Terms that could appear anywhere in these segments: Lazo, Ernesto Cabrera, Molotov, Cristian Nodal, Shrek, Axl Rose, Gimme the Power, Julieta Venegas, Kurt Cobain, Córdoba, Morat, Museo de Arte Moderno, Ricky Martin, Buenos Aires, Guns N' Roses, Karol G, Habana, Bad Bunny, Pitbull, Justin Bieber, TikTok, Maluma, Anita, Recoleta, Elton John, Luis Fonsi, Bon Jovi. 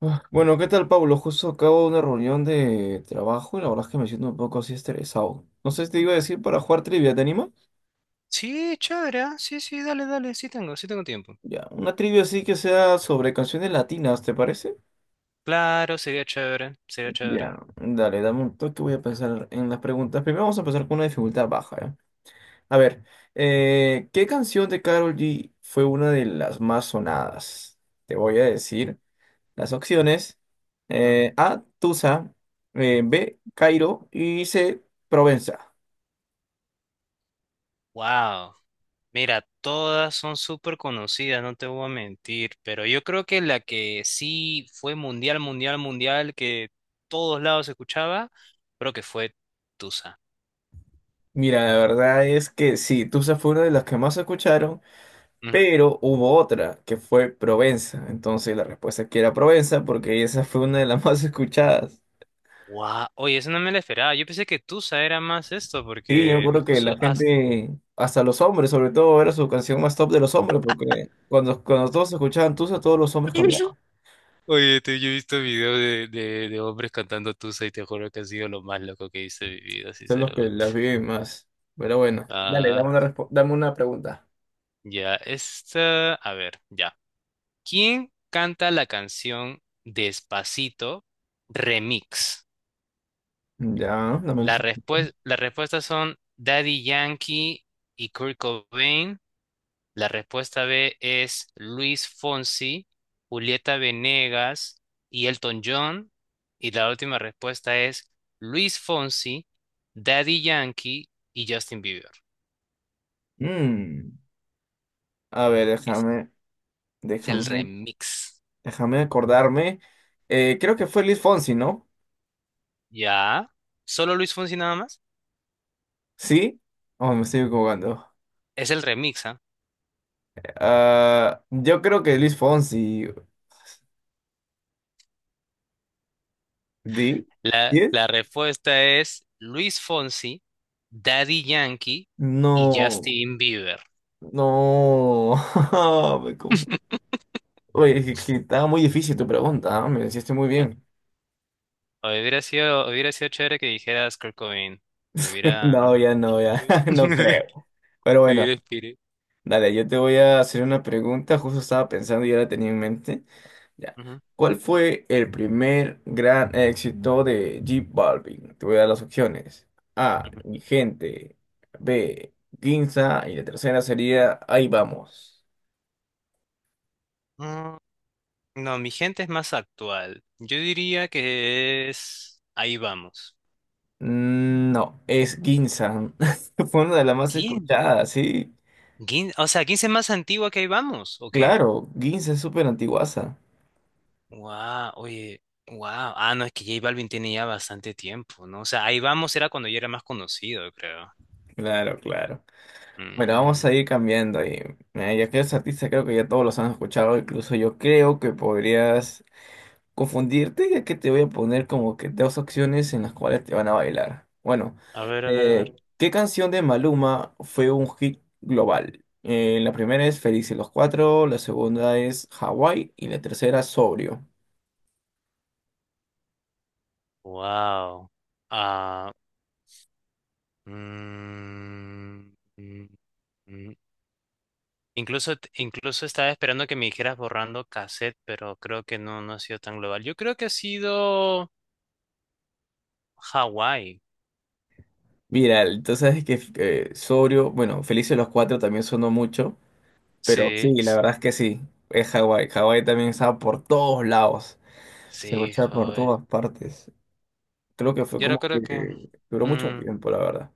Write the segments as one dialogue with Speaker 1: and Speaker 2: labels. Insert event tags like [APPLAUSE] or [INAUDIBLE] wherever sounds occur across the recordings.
Speaker 1: Bueno, ¿qué tal, Pablo? Justo acabo de una reunión de trabajo y la verdad es que me siento un poco así estresado. No sé si te iba a decir para jugar trivia, ¿te anima?
Speaker 2: Sí, chévere, sí, sí, dale, dale, sí tengo tiempo.
Speaker 1: Ya, una trivia así que sea sobre canciones latinas, ¿te parece?
Speaker 2: Claro, sería chévere, sería chévere.
Speaker 1: Ya, dale, dame un toque, voy a pensar en las preguntas. Primero vamos a empezar con una dificultad baja, ¿ya? A ver, ¿qué canción de Karol G fue una de las más sonadas? Te voy a decir las opciones. A, Tusa, B, Cairo y C, Provenza.
Speaker 2: Wow, mira, todas son súper conocidas, no te voy a mentir, pero yo creo que la que sí fue mundial, mundial, mundial, que todos lados se escuchaba, creo que fue Tusa.
Speaker 1: Mira, la verdad es que sí, Tusa fue una de las que más escucharon, pero hubo otra que fue Provenza. Entonces la respuesta es que era Provenza porque esa fue una de las [LAUGHS] más escuchadas.
Speaker 2: Wow, oye, eso no me la esperaba, yo pensé que Tusa era más esto,
Speaker 1: Sí, yo me, sí,
Speaker 2: porque
Speaker 1: acuerdo que
Speaker 2: incluso
Speaker 1: la gente, hasta los hombres, sobre todo, era su canción más top de los hombres porque cuando todos escuchaban Tusa, todos los hombres
Speaker 2: [LAUGHS]
Speaker 1: cambiaban.
Speaker 2: Oye, yo he visto videos de hombres cantando Tusa y te juro que ha sido lo más loco que he visto en mi vida,
Speaker 1: Son los que
Speaker 2: sinceramente.
Speaker 1: las viven más. Pero bueno, dale,
Speaker 2: Ah,
Speaker 1: dame una pregunta.
Speaker 2: ya, esta, a ver, ya. ¿Quién canta la canción Despacito Remix?
Speaker 1: Ya, dame una.
Speaker 2: Las respuestas son Daddy Yankee y Kurt Cobain. La respuesta B es Luis Fonsi, Julieta Venegas y Elton John. Y la última respuesta es Luis Fonsi, Daddy Yankee y Justin Bieber.
Speaker 1: Mm, a ver,
Speaker 2: Es,
Speaker 1: déjame,
Speaker 2: es el
Speaker 1: déjame.
Speaker 2: remix.
Speaker 1: Déjame acordarme. Creo que fue Luis Fonsi, ¿no?
Speaker 2: ¿Ya? ¿Solo Luis Fonsi nada más?
Speaker 1: ¿Sí? Oh, me estoy equivocando.
Speaker 2: Es el remix, ¿ah?
Speaker 1: Ah, yo creo que Luis Fonsi. ¿Di? ¿Sí
Speaker 2: La,
Speaker 1: es?
Speaker 2: la respuesta es Luis Fonsi, Daddy Yankee y
Speaker 1: No.
Speaker 2: Justin Bieber.
Speaker 1: No. [LAUGHS] Me confu-
Speaker 2: [LAUGHS]
Speaker 1: Oye, es que, estaba muy difícil tu pregunta, ¿ah? Me la hiciste muy bien.
Speaker 2: Hubiera sido chévere que dijeras Kurt Cobain. Me
Speaker 1: [LAUGHS]
Speaker 2: hubiera.
Speaker 1: No, ya no, ya.
Speaker 2: Sí.
Speaker 1: [LAUGHS] No
Speaker 2: [LAUGHS]
Speaker 1: creo. Pero
Speaker 2: Vivir el
Speaker 1: bueno,
Speaker 2: espíritu.
Speaker 1: dale, yo te voy a hacer una pregunta. Justo estaba pensando y ya la tenía en mente. Ya.
Speaker 2: Ujú,
Speaker 1: ¿Cuál fue el primer gran éxito de J Balvin? Te voy a dar las opciones. A,
Speaker 2: ujú.
Speaker 1: mi gente. B, Ginza. Y la tercera sería Ahí vamos.
Speaker 2: Mm, No, mi gente es más actual. Yo diría que es Ahí vamos.
Speaker 1: Mm, no, es Ginza. [LAUGHS] Fue una de las más
Speaker 2: ¿Quién?
Speaker 1: escuchadas, sí.
Speaker 2: ¿Quién? O sea, ¿quién es más antigua que Ahí vamos? ¿O qué?
Speaker 1: Claro, Ginza es súper antiguaza.
Speaker 2: Wow, oye, wow. Ah, no, es que J Balvin tiene ya bastante tiempo, ¿no? O sea, Ahí vamos era cuando yo era más conocido, yo creo.
Speaker 1: Claro, claro. Bueno, vamos a
Speaker 2: Mm,
Speaker 1: ir cambiando ahí. Mira, ya que eres artista, creo que ya todos los han escuchado. Incluso yo creo que podrías confundirte, ya que te voy a poner como que dos opciones en las cuales te van a bailar. Bueno,
Speaker 2: A ver, a ver, a ver.
Speaker 1: ¿qué canción de Maluma fue un hit global? La primera es Felices los Cuatro, la segunda es Hawái y la tercera Sobrio.
Speaker 2: Wow. Ah, mm, mm, mm, Incluso, incluso estaba esperando que me dijeras borrando cassette, pero creo que no, no ha sido tan global. Yo creo que ha sido Hawái.
Speaker 1: Viral, entonces es que Sobrio, bueno, Felices los Cuatro también sonó mucho, pero sí,
Speaker 2: Sí,
Speaker 1: la
Speaker 2: sí,
Speaker 1: verdad es que sí, es Hawái. Hawái también estaba por todos lados, se
Speaker 2: sí,
Speaker 1: escuchaba por
Speaker 2: joder.
Speaker 1: todas partes. Creo que fue
Speaker 2: Yo no
Speaker 1: como
Speaker 2: creo que
Speaker 1: que duró mucho
Speaker 2: mm,
Speaker 1: tiempo, la verdad.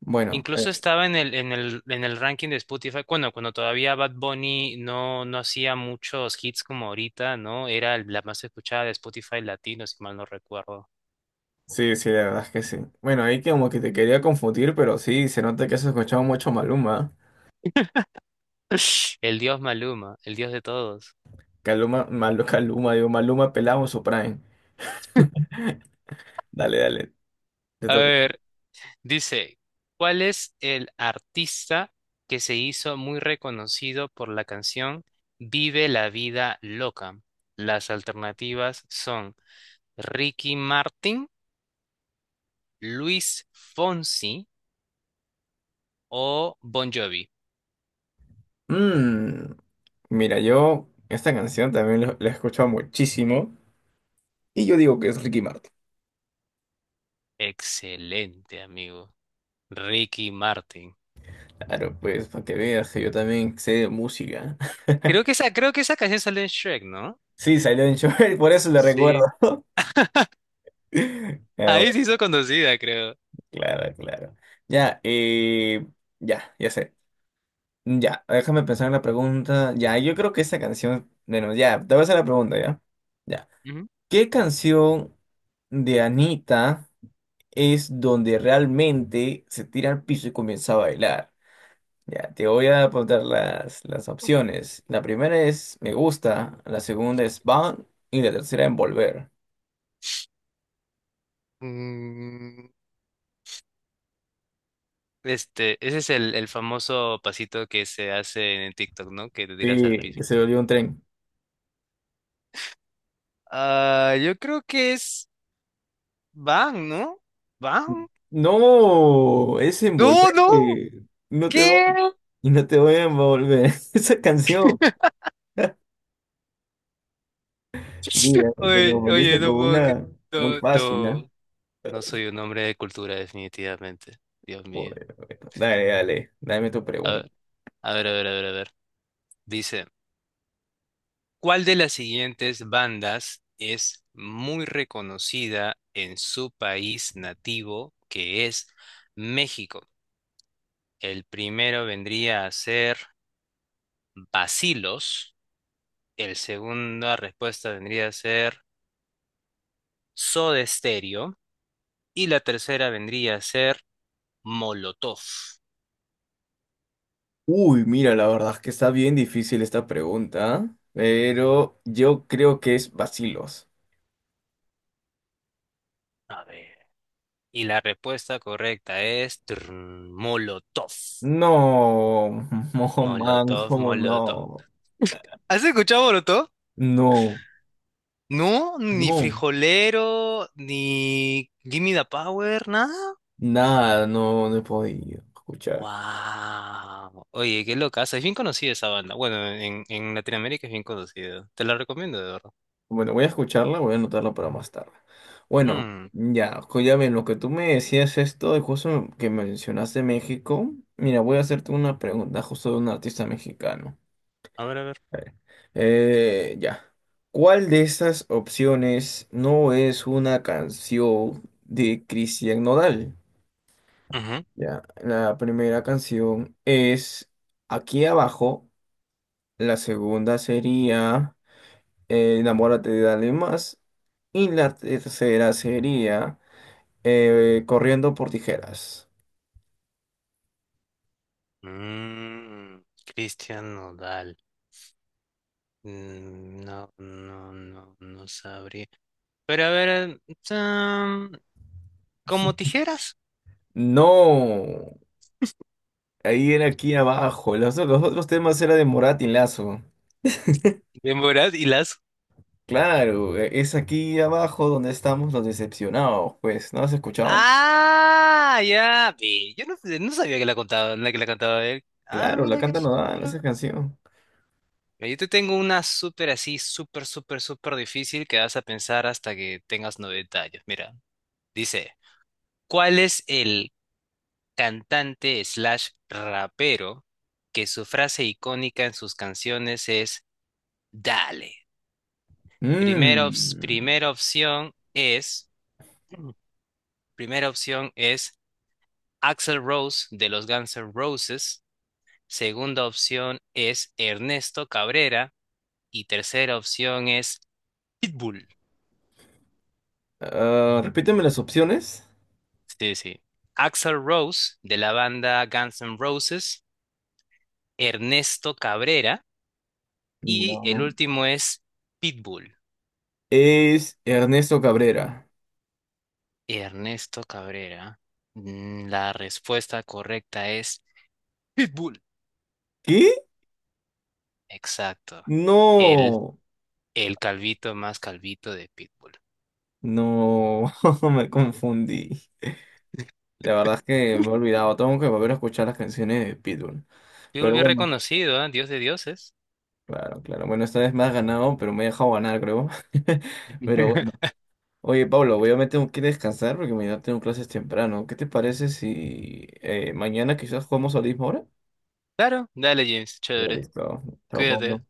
Speaker 1: Bueno,
Speaker 2: incluso estaba en el ranking de Spotify. Bueno, cuando todavía Bad Bunny no hacía muchos hits como ahorita, ¿no? Era la más escuchada de Spotify latino, si mal no recuerdo.
Speaker 1: sí, sí, la verdad es que sí. Bueno, ahí como que te quería confundir, pero sí, se nota que has escuchado mucho Maluma.
Speaker 2: [LAUGHS] El dios Maluma, el dios de todos.
Speaker 1: Caluma, Malu, [LAUGHS] Caluma, digo, Maluma pelado su prime. [LAUGHS] Dale, dale, te
Speaker 2: A
Speaker 1: toca.
Speaker 2: ver. Dice, ¿cuál es el artista que se hizo muy reconocido por la canción Vive la vida loca? Las alternativas son Ricky Martin, Luis Fonsi o Bon Jovi.
Speaker 1: Mm, mira, yo esta canción también la he escuchado muchísimo y yo digo que es Ricky Martin.
Speaker 2: Excelente, amigo. Ricky Martin.
Speaker 1: Claro, pues, para que veas que yo también sé de música. [LAUGHS]
Speaker 2: Creo que esa canción sale en Shrek, ¿no?
Speaker 1: Sí, salió en Joel, por eso le recuerdo.
Speaker 2: Sí. Ahí
Speaker 1: [LAUGHS]
Speaker 2: se hizo conocida, creo.
Speaker 1: Claro, claro. Ya, ya, ya sé. Ya, déjame pensar en la pregunta. Ya, yo creo que esa canción, bueno, ya, te voy a hacer la pregunta, ¿ya? Ya.
Speaker 2: Ujú.
Speaker 1: ¿Qué canción de Anita es donde realmente se tira al piso y comienza a bailar? Ya, te voy a apuntar las opciones. La primera es Me Gusta, la segunda es Van y la tercera Envolver.
Speaker 2: Mm, Este, ese es el famoso pasito que se hace en TikTok, ¿no? Que te tiras al
Speaker 1: Sí,
Speaker 2: piso.
Speaker 1: que se volvió un tren.
Speaker 2: Ah, yo creo que es Bang, ¿no? ¿Bang?
Speaker 1: No, es
Speaker 2: ¡No,
Speaker 1: envolver.
Speaker 2: no!
Speaker 1: No te va,
Speaker 2: ¿Qué?
Speaker 1: no te voy a envolver. [LAUGHS] Esa canción.
Speaker 2: [LAUGHS]
Speaker 1: Mira, te
Speaker 2: Oye, oye,
Speaker 1: confundiste con
Speaker 2: no puedo.
Speaker 1: una muy
Speaker 2: No,
Speaker 1: fácil, ¿no?
Speaker 2: no. No soy un hombre de cultura, definitivamente. Dios mío.
Speaker 1: Joder, dale, dale, dame tu
Speaker 2: A
Speaker 1: pregunta.
Speaker 2: ver, a ver, a ver, a ver, a ver. Dice, ¿cuál de las siguientes bandas es muy reconocida en su país nativo, que es México? El primero vendría a ser Bacilos. El segunda respuesta vendría a ser Soda Stereo. Y la tercera vendría a ser Molotov.
Speaker 1: Uy, mira, la verdad es que está bien difícil esta pregunta, pero yo creo que es bacilos.
Speaker 2: A ver. Y la respuesta correcta es Molotov.
Speaker 1: No, [LAUGHS] no, man,
Speaker 2: Molotov,
Speaker 1: cómo
Speaker 2: Molotov.
Speaker 1: no.
Speaker 2: ¿Has escuchado Molotov?
Speaker 1: No,
Speaker 2: No, ni
Speaker 1: no.
Speaker 2: Frijolero, ni Gimme the Power, nada.
Speaker 1: Nada, no, no he podido escuchar.
Speaker 2: Wow. Oye, qué locaza. Es bien conocida esa banda. Bueno, en Latinoamérica es bien conocida. Te la recomiendo, de verdad.
Speaker 1: Bueno, voy a escucharla, voy a anotarla para más tarde. Bueno,
Speaker 2: Mm,
Speaker 1: ya, ya ven, lo que tú me decías esto, de justo que mencionaste México, mira, voy a hacerte una pregunta justo de un artista mexicano.
Speaker 2: A ver, a ver.
Speaker 1: A ver, ya. ¿Cuál de estas opciones no es una canción de Cristian Nodal?
Speaker 2: Ujú.
Speaker 1: Ya, la primera canción es Aquí abajo, la segunda sería Enamórate de alguien más. Y la tercera sería Corriendo por tijeras.
Speaker 2: Cristian Nodal. No, no, no, no sabría. Pero a ver, mm, como tijeras.
Speaker 1: No, ahí era aquí abajo. Los otros temas era de Morat y Lazo.
Speaker 2: Demoras y las.
Speaker 1: Claro, es aquí abajo donde estamos los decepcionados, pues. ¿No has escuchado?
Speaker 2: Ah, ya. Ve, yo no sabía que la contaba, la que la cantaba él. Ah,
Speaker 1: Claro, la
Speaker 2: mira que.
Speaker 1: canta dan esa canción.
Speaker 2: Mira, yo te tengo una súper así, súper, súper, súper difícil que vas a pensar hasta que tengas 90 años. Mira, dice, ¿cuál es el cantante slash rapero que su frase icónica en sus canciones es Dale? Primera, ops-
Speaker 1: Mm.
Speaker 2: primera opción es, [CLEARS THROAT] primera opción es Axl Rose de los Guns N' Roses. Segunda opción es Ernesto Cabrera. Y tercera opción es Pitbull.
Speaker 1: Ah, repíteme las opciones.
Speaker 2: Sí, sí. Axl Rose, de la banda Guns N' Roses, Ernesto Cabrera, y el
Speaker 1: No.
Speaker 2: último es Pitbull.
Speaker 1: Es Ernesto Cabrera.
Speaker 2: Ernesto Cabrera. La respuesta correcta es Pitbull.
Speaker 1: ¿Qué?
Speaker 2: Exacto. El,
Speaker 1: No.
Speaker 2: el calvito más calvito de Pitbull.
Speaker 1: No, [LAUGHS] me confundí.
Speaker 2: [LAUGHS]
Speaker 1: La verdad es que me he olvidado. Tengo que volver a escuchar las canciones de Pitbull.
Speaker 2: Pitbull
Speaker 1: Pero
Speaker 2: bien
Speaker 1: bueno,
Speaker 2: reconocido, ¿ah? Dios de dioses.
Speaker 1: claro, claro. Bueno, esta vez me has ganado, pero me he dejado ganar, creo. [LAUGHS] Pero bueno.
Speaker 2: [LAUGHS]
Speaker 1: Oye, Pablo, voy a me tengo que descansar porque mañana tengo clases temprano. ¿Qué te parece si mañana quizás jugamos a la misma hora?
Speaker 2: Claro, dale, James, chévere.
Speaker 1: Listo. Chao,
Speaker 2: Cuídate.
Speaker 1: Pablo.